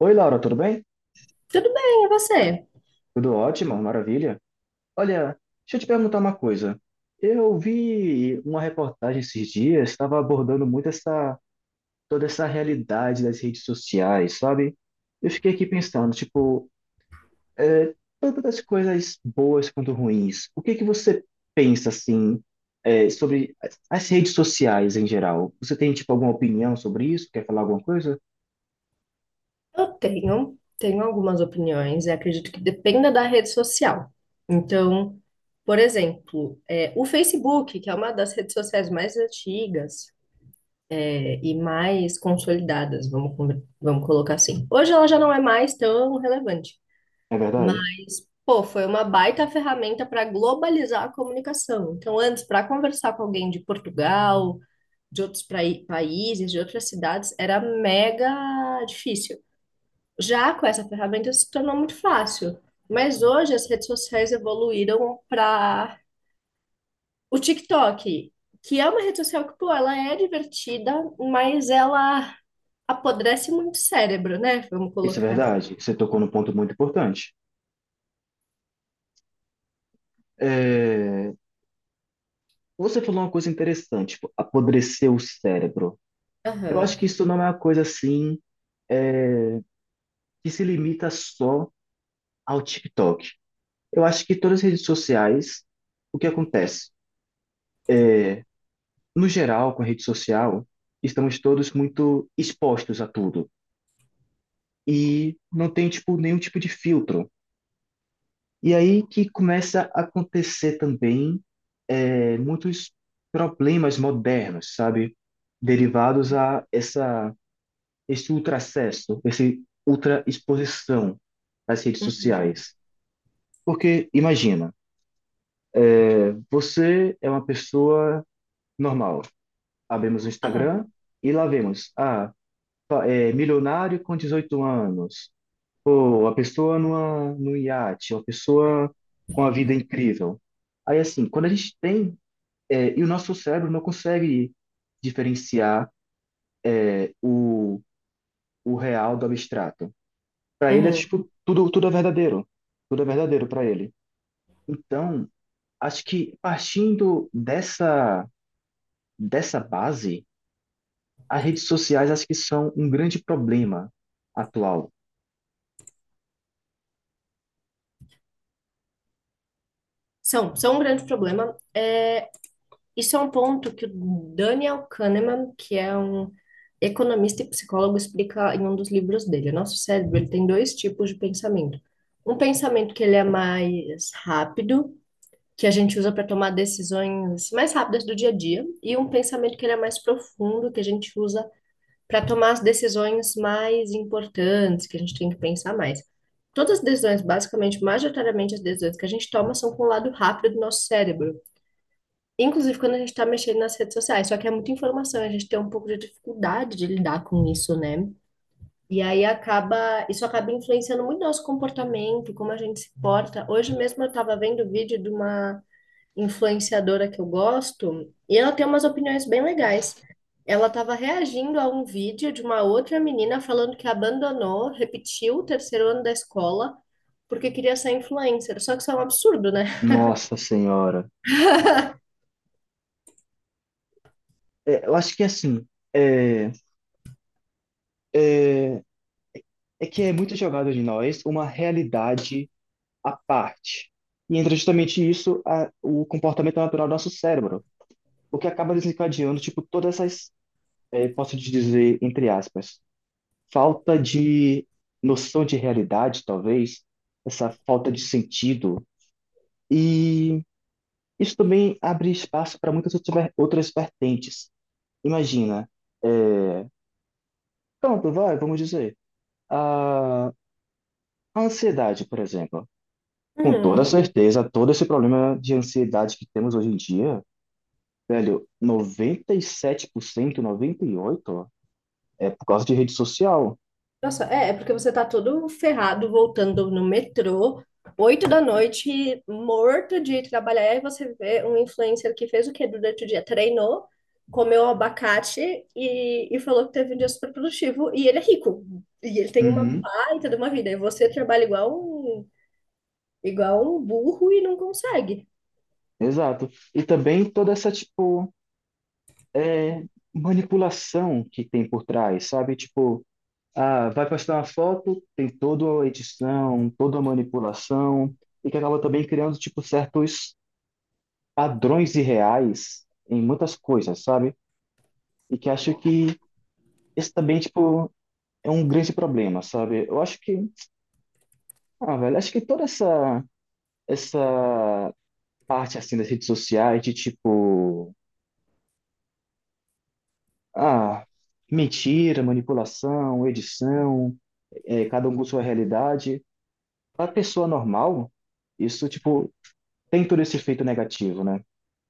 Oi, Laura, tudo bem? Tudo bem, e você? Tudo ótimo, maravilha. Olha, deixa eu te perguntar uma coisa. Eu vi uma reportagem esses dias, estava abordando muito essa, toda essa realidade das redes sociais, sabe? Eu fiquei aqui pensando, tipo, é, tanto das coisas boas quanto ruins. O que que você pensa, assim, sobre as redes sociais em geral? Você tem, tipo, alguma opinião sobre isso? Quer falar alguma coisa? Eu tenho algumas opiniões e acredito que dependa da rede social. Então, por exemplo, o Facebook, que é uma das redes sociais mais antigas, e mais consolidadas, vamos colocar assim. Hoje ela já não é mais tão relevante, É mas, verdade? pô, foi uma baita ferramenta para globalizar a comunicação. Então, antes, para conversar com alguém de Portugal, de outros países, de outras cidades, era mega difícil. Já com essa ferramenta se tornou muito fácil. Mas hoje as redes sociais evoluíram para o TikTok, que é uma rede social que, pô, ela é divertida, mas ela apodrece muito o cérebro, né? Vamos Isso é colocar. verdade. Você tocou num ponto muito importante. É, você falou uma coisa interessante, tipo, apodrecer o cérebro. Eu acho Aham. que isso não é uma coisa assim que se limita só ao TikTok. Eu acho que todas as redes sociais, o que acontece? No geral, com a rede social, estamos todos muito expostos a tudo e não tem tipo nenhum tipo de filtro. E aí que começa a acontecer também muitos problemas modernos, sabe? Derivados a essa esse ultracesso, essa ultraexposição às redes sociais. Porque, imagina, você é uma pessoa normal. Abrimos o Aham. Instagram e lá vemos, ah, milionário com 18 anos, ou a pessoa num iate, uma pessoa com a vida incrível. Aí, assim, quando a gente tem, e o nosso cérebro não consegue diferenciar o, o real do abstrato. Para ele é Uhum. tipo, tudo, tudo é verdadeiro. Tudo é verdadeiro para ele. Então, acho que partindo dessa base, as redes sociais acho que são um grande problema atual. São um grande problema. Isso é um ponto que o Daniel Kahneman, que é um economista e psicólogo, explica em um dos livros dele. O nosso cérebro, ele tem dois tipos de pensamento. Um pensamento que ele é mais rápido, que a gente usa para tomar decisões mais rápidas do dia a dia, e um pensamento que ele é mais profundo, que a gente usa para tomar as decisões mais importantes, que a gente tem que pensar mais. Todas as decisões, basicamente, majoritariamente as decisões que a gente toma são com o lado rápido do nosso cérebro. Inclusive quando a gente está mexendo nas redes sociais, só que é muita informação, a gente tem um pouco de dificuldade de lidar com isso, né? E aí acaba, isso acaba influenciando muito nosso comportamento, como a gente se porta. Hoje mesmo eu estava vendo o vídeo de uma influenciadora que eu gosto, e ela tem umas opiniões bem legais. Ela estava reagindo a um vídeo de uma outra menina falando que abandonou, repetiu o terceiro ano da escola porque queria ser influencer. Só que isso é um absurdo, né? Nossa Senhora. É, eu acho que assim, é, é, é que é muito jogado de nós uma realidade à parte. E entra justamente isso, o comportamento natural do nosso cérebro, o que acaba desencadeando, tipo, todas essas, posso te dizer, entre aspas, falta de noção de realidade, talvez, essa falta de sentido. E isso também abre espaço para muitas outras outras vertentes. Imagina, é, pronto, vai, vamos dizer, a ansiedade, por exemplo. Com toda Hum. certeza, todo esse problema de ansiedade que temos hoje em dia, velho, 97%, 98% é por causa de rede social. Nossa, é, é porque você tá todo ferrado voltando no metrô, oito da noite, morto de trabalhar, e você vê um influencer que fez o quê durante o dia? Treinou, comeu abacate e falou que teve um dia super produtivo, e ele é rico, e ele tem uma Uhum. baita de uma vida, e você trabalha igual um burro e não consegue. Exato. E também toda essa, tipo, é, manipulação que tem por trás, sabe? Tipo, ah, vai postar uma foto, tem toda a edição, toda a manipulação, e que acaba também criando, tipo, certos padrões irreais em muitas coisas, sabe? E que acho que esse também, tipo, é um grande problema, sabe? Eu acho que, ah, velho, acho que toda essa parte, assim, das redes sociais de, tipo, ah, mentira, manipulação, edição, cada um com sua realidade. Para pessoa normal, isso, tipo, tem todo esse efeito negativo, né?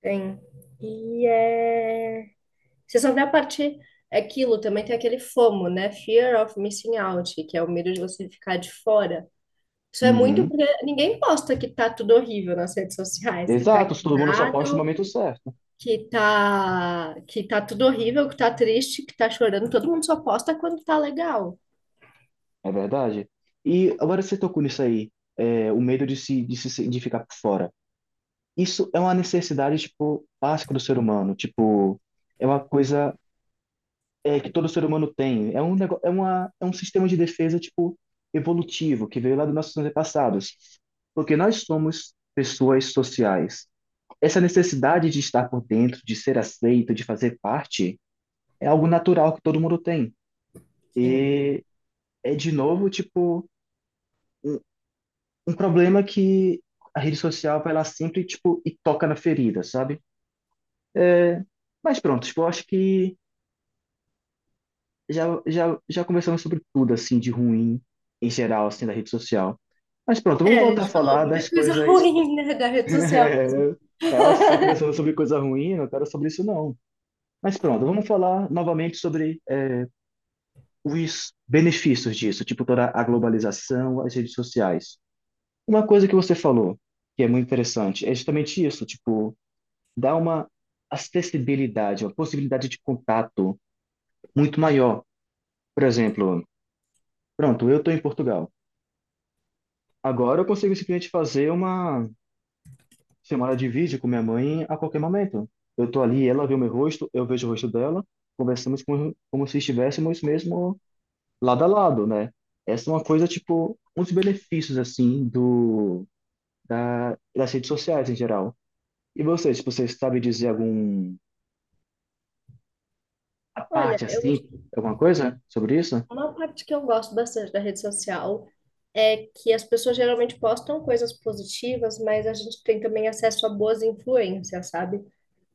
Tem. E é... Você só vê a parte... Aquilo também tem aquele FOMO, né? Fear of missing out, que é o medo de você ficar de fora. Isso é muito Uhum. porque ninguém posta que tá tudo horrível nas redes sociais, que tá Exato, se todo mundo só posta no quebrado, momento certo, que tá tudo horrível, que tá triste, que tá chorando. Todo mundo só posta quando tá legal. é verdade. E agora você tocou nisso aí, o medo de se, de ficar por fora. Isso é uma necessidade, tipo, básica do ser humano, tipo, é uma coisa que todo ser humano tem. É um negócio, é um sistema de defesa, tipo, evolutivo, que veio lá dos nossos antepassados. Porque nós somos pessoas sociais. Essa necessidade de estar por dentro, de ser aceito, de fazer parte, é algo natural que todo mundo tem. Sim. E é de novo, tipo, um, um problema que a rede social vai lá sempre, tipo, e toca na ferida, sabe? Mas pronto, tipo, eu acho que já conversamos sobre tudo, assim, de ruim em geral, assim, da rede social. Mas pronto, É, vamos a voltar a gente falou falar das muita coisa coisas. ruim, né, da rede social. É, só conversando sobre coisa ruim, eu não quero sobre isso não. Mas pronto, vamos falar novamente sobre os benefícios disso, tipo toda a globalização, as redes sociais. Uma coisa que você falou, que é muito interessante, é justamente isso, tipo, dá uma acessibilidade, uma possibilidade de contato muito maior. Por exemplo, pronto, eu estou em Portugal. Agora eu consigo simplesmente fazer uma chamada de vídeo com minha mãe a qualquer momento. Eu estou ali, ela vê o meu rosto, eu vejo o rosto dela, conversamos como se estivéssemos mesmo lado a lado, né? Essa é uma coisa, tipo, um dos benefícios, assim, das redes sociais em geral. E você, tipo, você sabe dizer algum, a Olha, parte, eu, assim, alguma coisa sobre isso? uma parte que eu gosto bastante da rede social é que as pessoas geralmente postam coisas positivas, mas a gente tem também acesso a boas influências, sabe?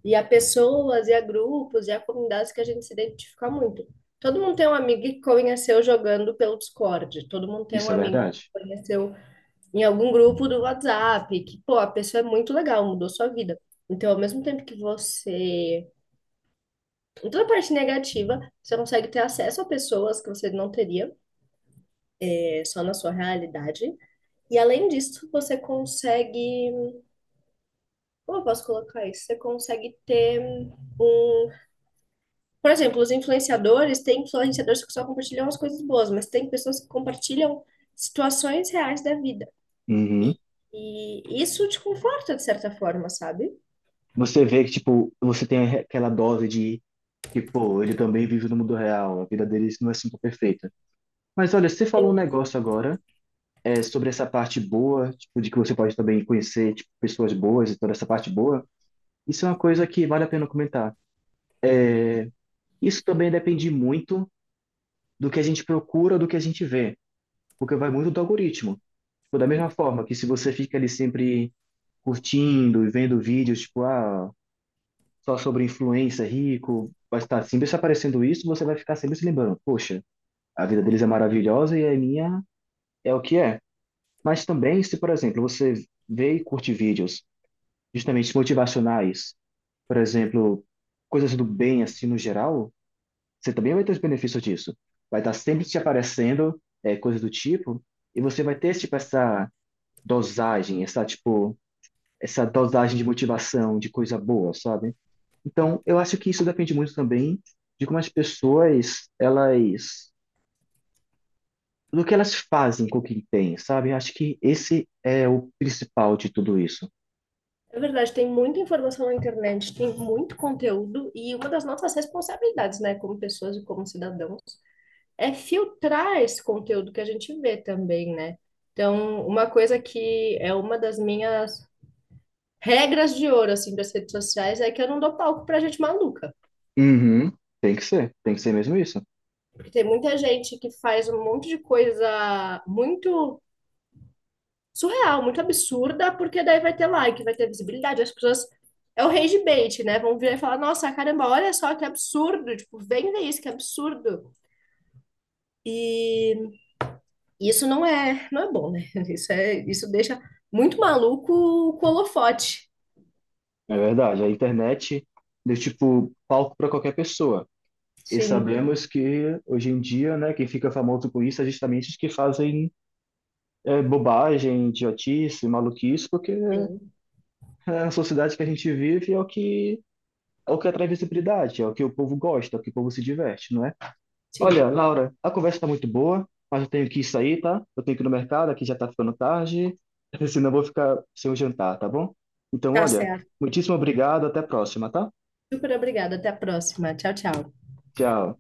E a pessoas, e a grupos, e a comunidades que a gente se identifica muito. Todo mundo tem um amigo que conheceu jogando pelo Discord, todo mundo tem um Isso é amigo que verdade. conheceu em algum grupo do WhatsApp, que, pô, a pessoa é muito legal, mudou sua vida. Então, ao mesmo tempo que você. Em toda a parte negativa, você consegue ter acesso a pessoas que você não teria, só na sua realidade. E além disso, você consegue. Como eu posso colocar isso? Você consegue ter um por exemplo, os influenciadores, tem influenciadores que só compartilham as coisas boas, mas tem pessoas que compartilham situações reais da vida. E, Uhum. e isso te conforta de certa forma, sabe? Você vê que, tipo, você tem aquela dose de que, pô, ele também vive no mundo real, a vida dele não é sempre perfeita. Mas olha, você falou um negócio agora, sobre essa parte boa, tipo, de que você pode também conhecer, tipo, pessoas boas e toda essa parte boa. Isso é uma coisa que vale a pena comentar. Isso também depende muito do que a gente procura, do que a gente vê, porque vai muito do algoritmo. Tipo, da mesma forma que se você fica ali sempre curtindo e vendo vídeos, tipo, ah, só sobre influência, rico, vai estar sempre se aparecendo isso, você vai ficar sempre se lembrando, poxa, a vida deles é maravilhosa e a minha é o que é. Mas também, se, por exemplo, você vê e curte vídeos justamente motivacionais, por exemplo, coisas do bem, assim, no geral, você também vai ter os benefícios disso. Vai estar sempre te aparecendo coisas do tipo, e você vai ter, tipo, essa dosagem, essa, tipo, essa dosagem de motivação, de coisa boa, sabe? Então, eu acho que isso depende muito também de como as pessoas, elas, do que elas fazem com o que têm, sabe? Eu acho que esse é o principal de tudo isso. É verdade, tem muita informação na internet, tem muito conteúdo, e uma das nossas responsabilidades, né, como pessoas e como cidadãos, é filtrar esse conteúdo que a gente vê também, né? Então, uma coisa que é uma das minhas regras de ouro, assim, das redes sociais é que eu não dou palco pra gente maluca. Uhum. Tem que ser mesmo isso. Porque tem muita gente que faz um monte de coisa muito surreal, muito absurda, porque daí vai ter like, vai ter visibilidade. As pessoas. É o rage bait, né? Vão vir e falar: nossa, caramba, olha só que absurdo. Tipo, vem ver isso, que absurdo. E não é bom, né? Isso deixa muito maluco o holofote. É verdade, a internet deu, tipo, palco para qualquer pessoa. E Sim, sabemos que hoje em dia, né, quem fica famoso com isso é justamente os que fazem bobagem, idiotice, maluquice, porque sim, a sociedade que a gente vive é o que atrai visibilidade, é o que o povo gosta, é o que o povo se diverte, não é? sim. Olha, Laura, a conversa está muito boa, mas eu tenho que sair, tá? Eu tenho que ir no mercado, aqui já está ficando tarde, senão eu vou ficar sem o jantar, tá bom? Então, Tá olha, certo. muitíssimo obrigado, até a próxima, tá? Super obrigada. Até a próxima. Tchau, tchau. Tchau.